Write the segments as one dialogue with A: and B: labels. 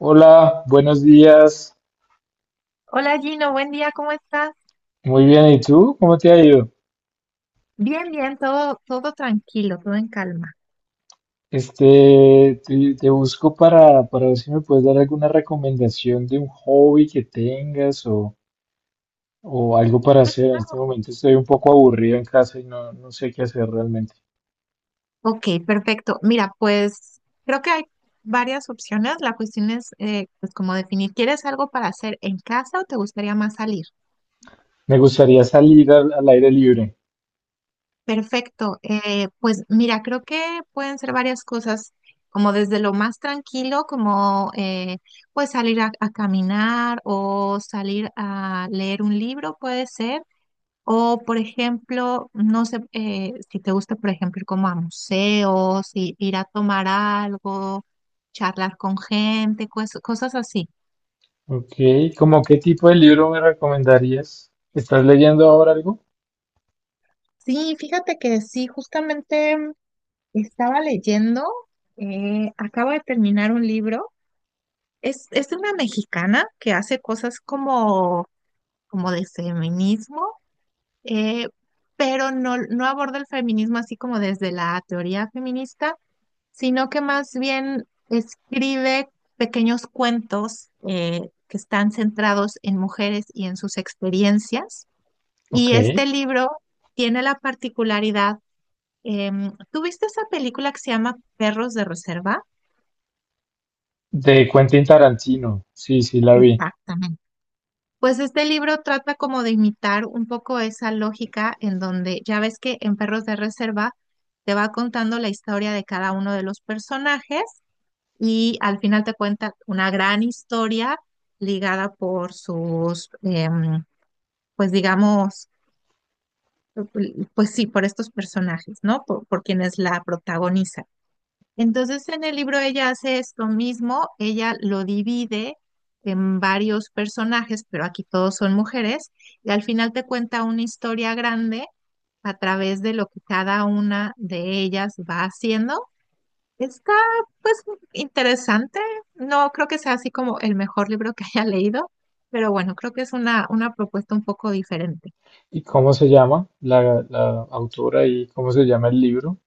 A: Hola, buenos días.
B: Hola, Gino, buen día, ¿cómo estás?
A: Muy bien, ¿y tú? ¿Cómo te ha ido?
B: Bien, bien, todo, todo tranquilo, todo en calma.
A: Te busco para ver si me puedes dar alguna recomendación de un hobby que tengas o algo para hacer. En este momento estoy un poco aburrido en casa y no, no sé qué hacer realmente.
B: Ok, perfecto. Mira, pues creo que hay varias opciones. La cuestión es pues como definir, ¿quieres algo para hacer en casa o te gustaría más salir?
A: Me gustaría salir al aire libre.
B: Perfecto. Pues mira, creo que pueden ser varias cosas, como desde lo más tranquilo, como pues salir a caminar o salir a leer un libro, puede ser. O, por ejemplo, no sé si te gusta, por ejemplo, ir como a museos, ir a tomar algo, charlar con gente, cosas así.
A: Ok, ¿cómo qué tipo de libro me recomendarías? ¿Estás leyendo ahora algo?
B: Sí, fíjate que sí, justamente estaba leyendo, acabo de terminar un libro. Es de una mexicana que hace cosas como, como de feminismo, eh, pero no, no aborda el feminismo así como desde la teoría feminista, sino que más bien escribe pequeños cuentos que están centrados en mujeres y en sus experiencias.
A: Ok,
B: Y este libro tiene la particularidad, ¿tú viste esa película que se llama Perros de Reserva?
A: de Quentin Tarantino. Sí, sí, la vi.
B: Exactamente. Pues este libro trata como de imitar un poco esa lógica, en donde ya ves que en Perros de Reserva te va contando la historia de cada uno de los personajes y al final te cuenta una gran historia ligada por sus, pues digamos, pues sí, por estos personajes, ¿no? Por quienes la protagonizan. Entonces en el libro ella hace esto mismo, ella lo divide en varios personajes, pero aquí todos son mujeres, y al final te cuenta una historia grande a través de lo que cada una de ellas va haciendo. Está pues interesante. No creo que sea así como el mejor libro que haya leído, pero bueno, creo que es una propuesta un poco diferente.
A: ¿Y cómo se llama la autora y cómo se llama el libro?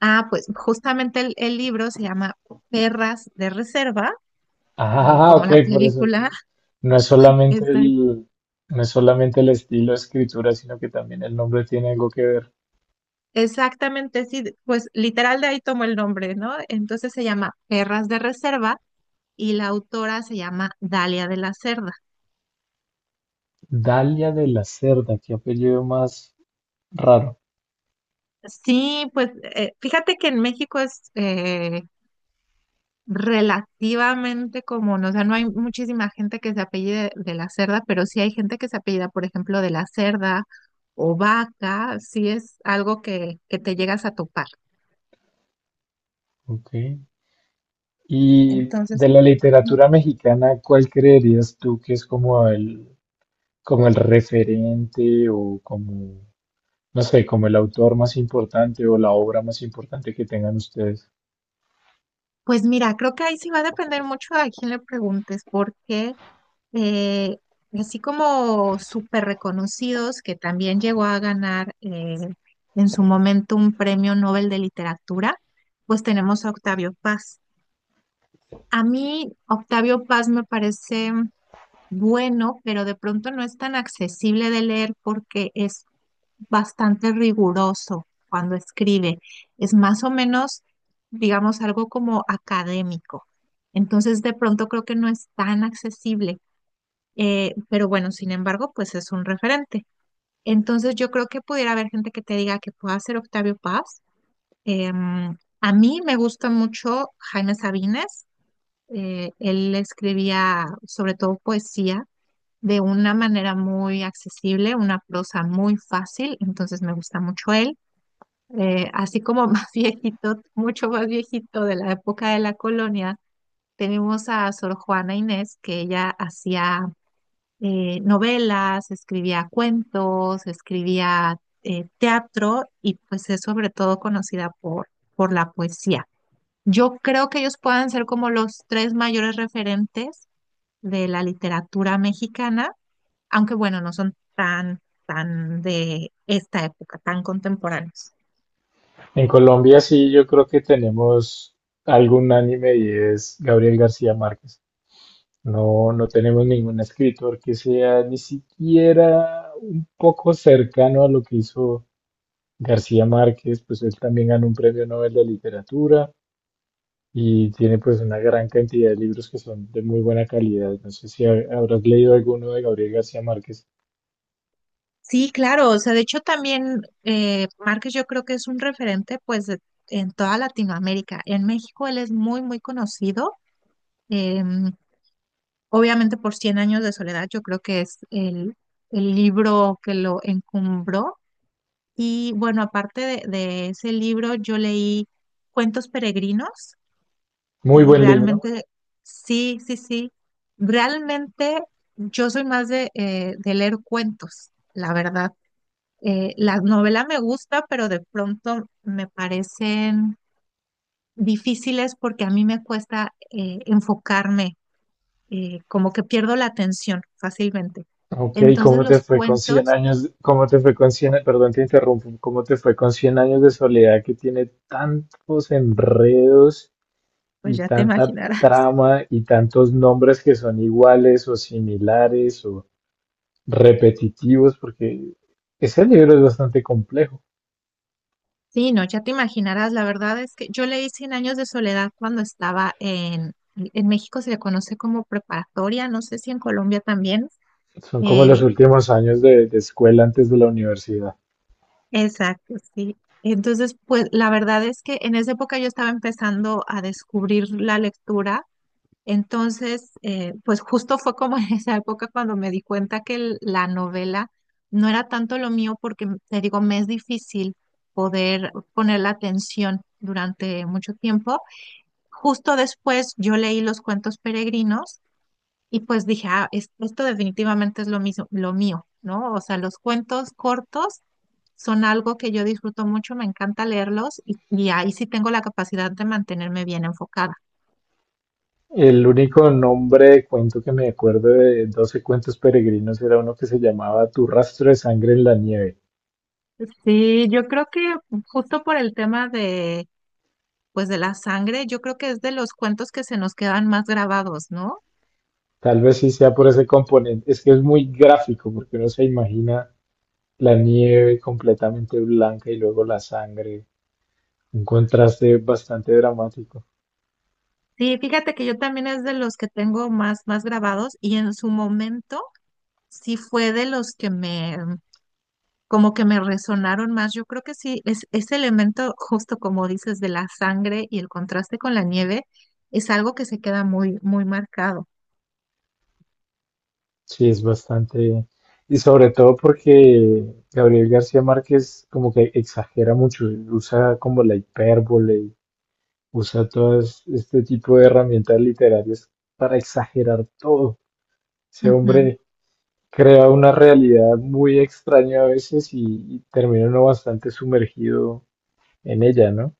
B: Ah, pues justamente el libro se llama Perras de Reserva,
A: Ah,
B: como
A: ok,
B: la
A: por eso
B: película.
A: no es solamente
B: Exac-
A: el, no es solamente el estilo de escritura, sino que también el nombre tiene algo que ver.
B: Exactamente, sí, pues literal de ahí tomó el nombre, ¿no? Entonces se llama Perras de Reserva y la autora se llama Dalia de la Cerda.
A: Dalia de la Cerda, qué apellido más raro.
B: Sí, pues fíjate que en México es, relativamente común, o sea, no hay muchísima gente que se apellide de la Cerda, pero sí hay gente que se apellida, por ejemplo, de la Cerda o Vaca, sí es algo que te llegas a topar.
A: Ok. Y de
B: Entonces,
A: la literatura mexicana, ¿cuál creerías tú que es como como el referente o como, no sé, como el autor más importante o la obra más importante que tengan ustedes?
B: pues mira, creo que ahí sí va a depender mucho a quién le preguntes, porque eh, así como súper reconocidos, que también llegó a ganar en su momento un premio Nobel de Literatura, pues tenemos a Octavio Paz. A mí Octavio Paz me parece bueno, pero de pronto no es tan accesible de leer porque es bastante riguroso cuando escribe. Es más o menos, digamos, algo como académico. Entonces, de pronto creo que no es tan accesible. Pero bueno, sin embargo, pues es un referente. Entonces, yo creo que pudiera haber gente que te diga que pueda ser Octavio Paz. A mí me gusta mucho Jaime Sabines. Él escribía sobre todo poesía de una manera muy accesible, una prosa muy fácil, entonces me gusta mucho él. Así como más viejito, mucho más viejito de la época de la colonia, tenemos a Sor Juana Inés, que ella hacía novelas, escribía cuentos, escribía teatro, y pues es sobre todo conocida por la poesía. Yo creo que ellos puedan ser como los tres mayores referentes de la literatura mexicana, aunque bueno, no son tan, tan de esta época, tan contemporáneos.
A: En Colombia sí, yo creo que tenemos algún anime y es Gabriel García Márquez. No, no tenemos ningún escritor que sea ni siquiera un poco cercano a lo que hizo García Márquez, pues él también ganó un premio Nobel de Literatura y tiene pues una gran cantidad de libros que son de muy buena calidad. No sé si habrás leído alguno de Gabriel García Márquez.
B: Sí, claro, o sea, de hecho también Márquez yo creo que es un referente pues de- en toda Latinoamérica. En México él es muy, muy conocido. em, Obviamente por Cien años de soledad, yo creo que es el libro que lo encumbró. Y bueno, aparte de ese libro yo leí Cuentos peregrinos.
A: Muy
B: Y
A: buen libro.
B: realmente, sí, sí, sí. Realmente yo soy más de leer cuentos, la verdad. La novela me gusta, pero de pronto me parecen difíciles porque a mí me cuesta enfocarme, como que pierdo la atención fácilmente.
A: Ok,
B: Entonces
A: ¿cómo te
B: los
A: fue con 100
B: cuentos,
A: años? ¿Cómo te fue con 100? Perdón, te interrumpo, ¿cómo te fue con cien años de soledad, que tiene tantos enredos
B: pues
A: y
B: ya te
A: tanta
B: imaginarás.
A: trama y tantos nombres que son iguales o similares o repetitivos? Porque ese libro es bastante complejo.
B: Sí, no, ya te imaginarás, la verdad es que yo leí Cien años de soledad cuando estaba en México, se le conoce como preparatoria, no sé si en Colombia también.
A: Son como los
B: Eh,
A: últimos años de escuela antes de la universidad.
B: exacto, sí. Entonces, pues la verdad es que en esa época yo estaba empezando a descubrir la lectura, entonces, pues justo fue como en esa época cuando me di cuenta que la novela no era tanto lo mío porque, te digo, me es difícil poder poner la atención durante mucho tiempo. Justo después yo leí los cuentos peregrinos y pues dije, ah, esto definitivamente es lo mismo, lo mío, ¿no? O sea, los cuentos cortos son algo que yo disfruto mucho, me encanta leerlos y ahí sí tengo la capacidad de mantenerme bien enfocada.
A: El único nombre de cuento que me acuerdo de doce cuentos peregrinos era uno que se llamaba Tu rastro de sangre en la nieve.
B: Sí, yo creo que justo por el tema de, pues de la sangre, yo creo que es de los cuentos que se nos quedan más grabados, ¿no?
A: Tal vez sí sea por ese componente. Es que es muy gráfico porque uno se imagina la nieve completamente blanca y luego la sangre. Un contraste bastante dramático.
B: Sí, fíjate que yo también es de los que tengo más, más grabados y en su momento sí fue de los que me, como que me resonaron más. Yo creo que sí, es, ese elemento, justo como dices, de la sangre y el contraste con la nieve, es algo que se queda muy, muy marcado.
A: Sí, es bastante... Y sobre todo porque Gabriel García Márquez como que exagera mucho, usa como la hipérbole, usa todo este tipo de herramientas literarias para exagerar todo. Ese
B: Ujú.
A: hombre crea una realidad muy extraña a veces y termina uno bastante sumergido en ella, ¿no?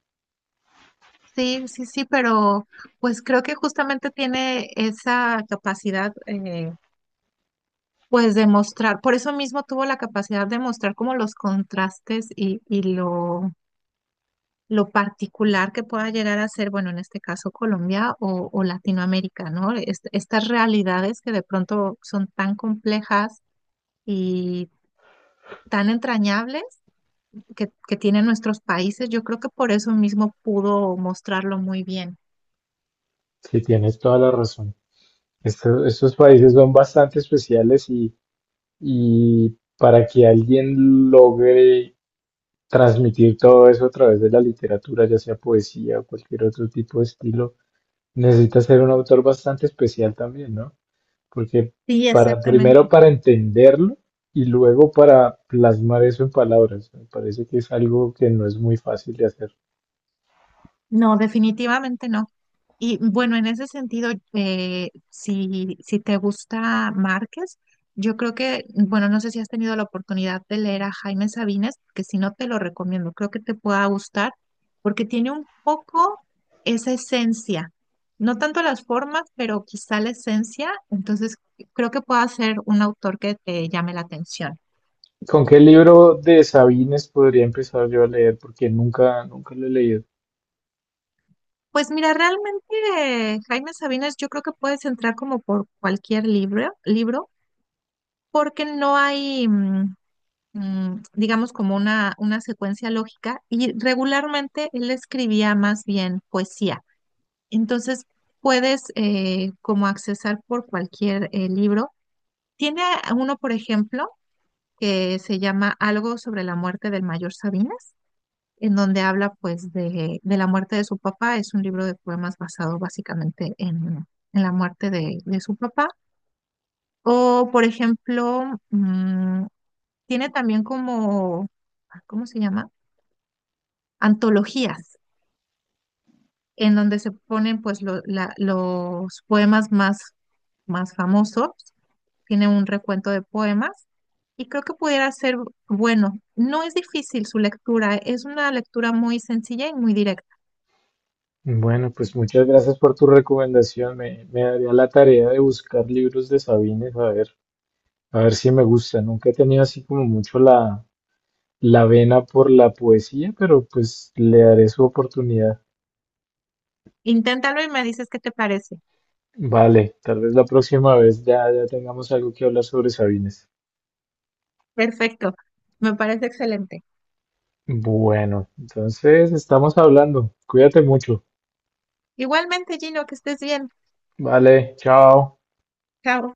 B: Sí, sí, sí, pero pues creo que justamente tiene esa capacidad, pues de mostrar, por eso mismo tuvo la capacidad de mostrar como los contrastes y lo particular que pueda llegar a ser, bueno, en este caso Colombia o Latinoamérica, ¿no? Es- estas realidades que de pronto son tan complejas y tan entrañables que tienen nuestros países, yo creo que por eso mismo pudo mostrarlo muy bien.
A: Sí, tienes toda la razón. Estos países son bastante especiales y para que alguien logre transmitir todo eso a través de la literatura, ya sea poesía o cualquier otro tipo de estilo, necesita ser un autor bastante especial también, ¿no? Porque
B: Sí, exactamente.
A: primero para entenderlo y luego para plasmar eso en palabras. Me parece que es algo que no es muy fácil de hacer.
B: No, definitivamente no. Y bueno, en ese sentido, si, si te gusta Márquez, yo creo que, bueno, no sé si has tenido la oportunidad de leer a Jaime Sabines, que si no te lo recomiendo, creo que te pueda gustar, porque tiene un poco esa esencia, no tanto las formas, pero quizá la esencia, entonces creo que pueda ser un autor que te llame la atención.
A: ¿Con qué libro de Sabines podría empezar yo a leer? Porque nunca, nunca lo he leído.
B: Pues mira, realmente Jaime Sabines yo creo que puedes entrar como por cualquier libro, libro. Porque no hay, digamos, como una secuencia lógica, y regularmente él escribía más bien poesía. Entonces, puedes como accesar por cualquier libro. Tiene uno, por ejemplo, que se llama Algo sobre la muerte del mayor Sabines, en donde habla pues de la muerte de su papá. Es un libro de poemas basado básicamente en la muerte de su papá. O, por ejemplo, tiene también como, ah, ¿cómo se llama? Antologías, en donde se ponen pues los poemas más, más famosos. Tiene un recuento de poemas y creo que pudiera ser bueno. No es difícil su lectura, es una lectura muy sencilla y muy directa.
A: Bueno, pues muchas gracias por tu recomendación. Me daría la tarea de buscar libros de Sabines, a ver si me gusta. Nunca he tenido así como mucho la vena por la poesía, pero pues le daré su oportunidad.
B: Inténtalo y me dices qué te parece.
A: Vale, tal vez la próxima vez ya tengamos algo que hablar sobre Sabines.
B: Perfecto, me parece excelente.
A: Bueno, entonces estamos hablando. Cuídate mucho.
B: Igualmente, Gino, que estés bien.
A: Vale, chao.
B: Chao.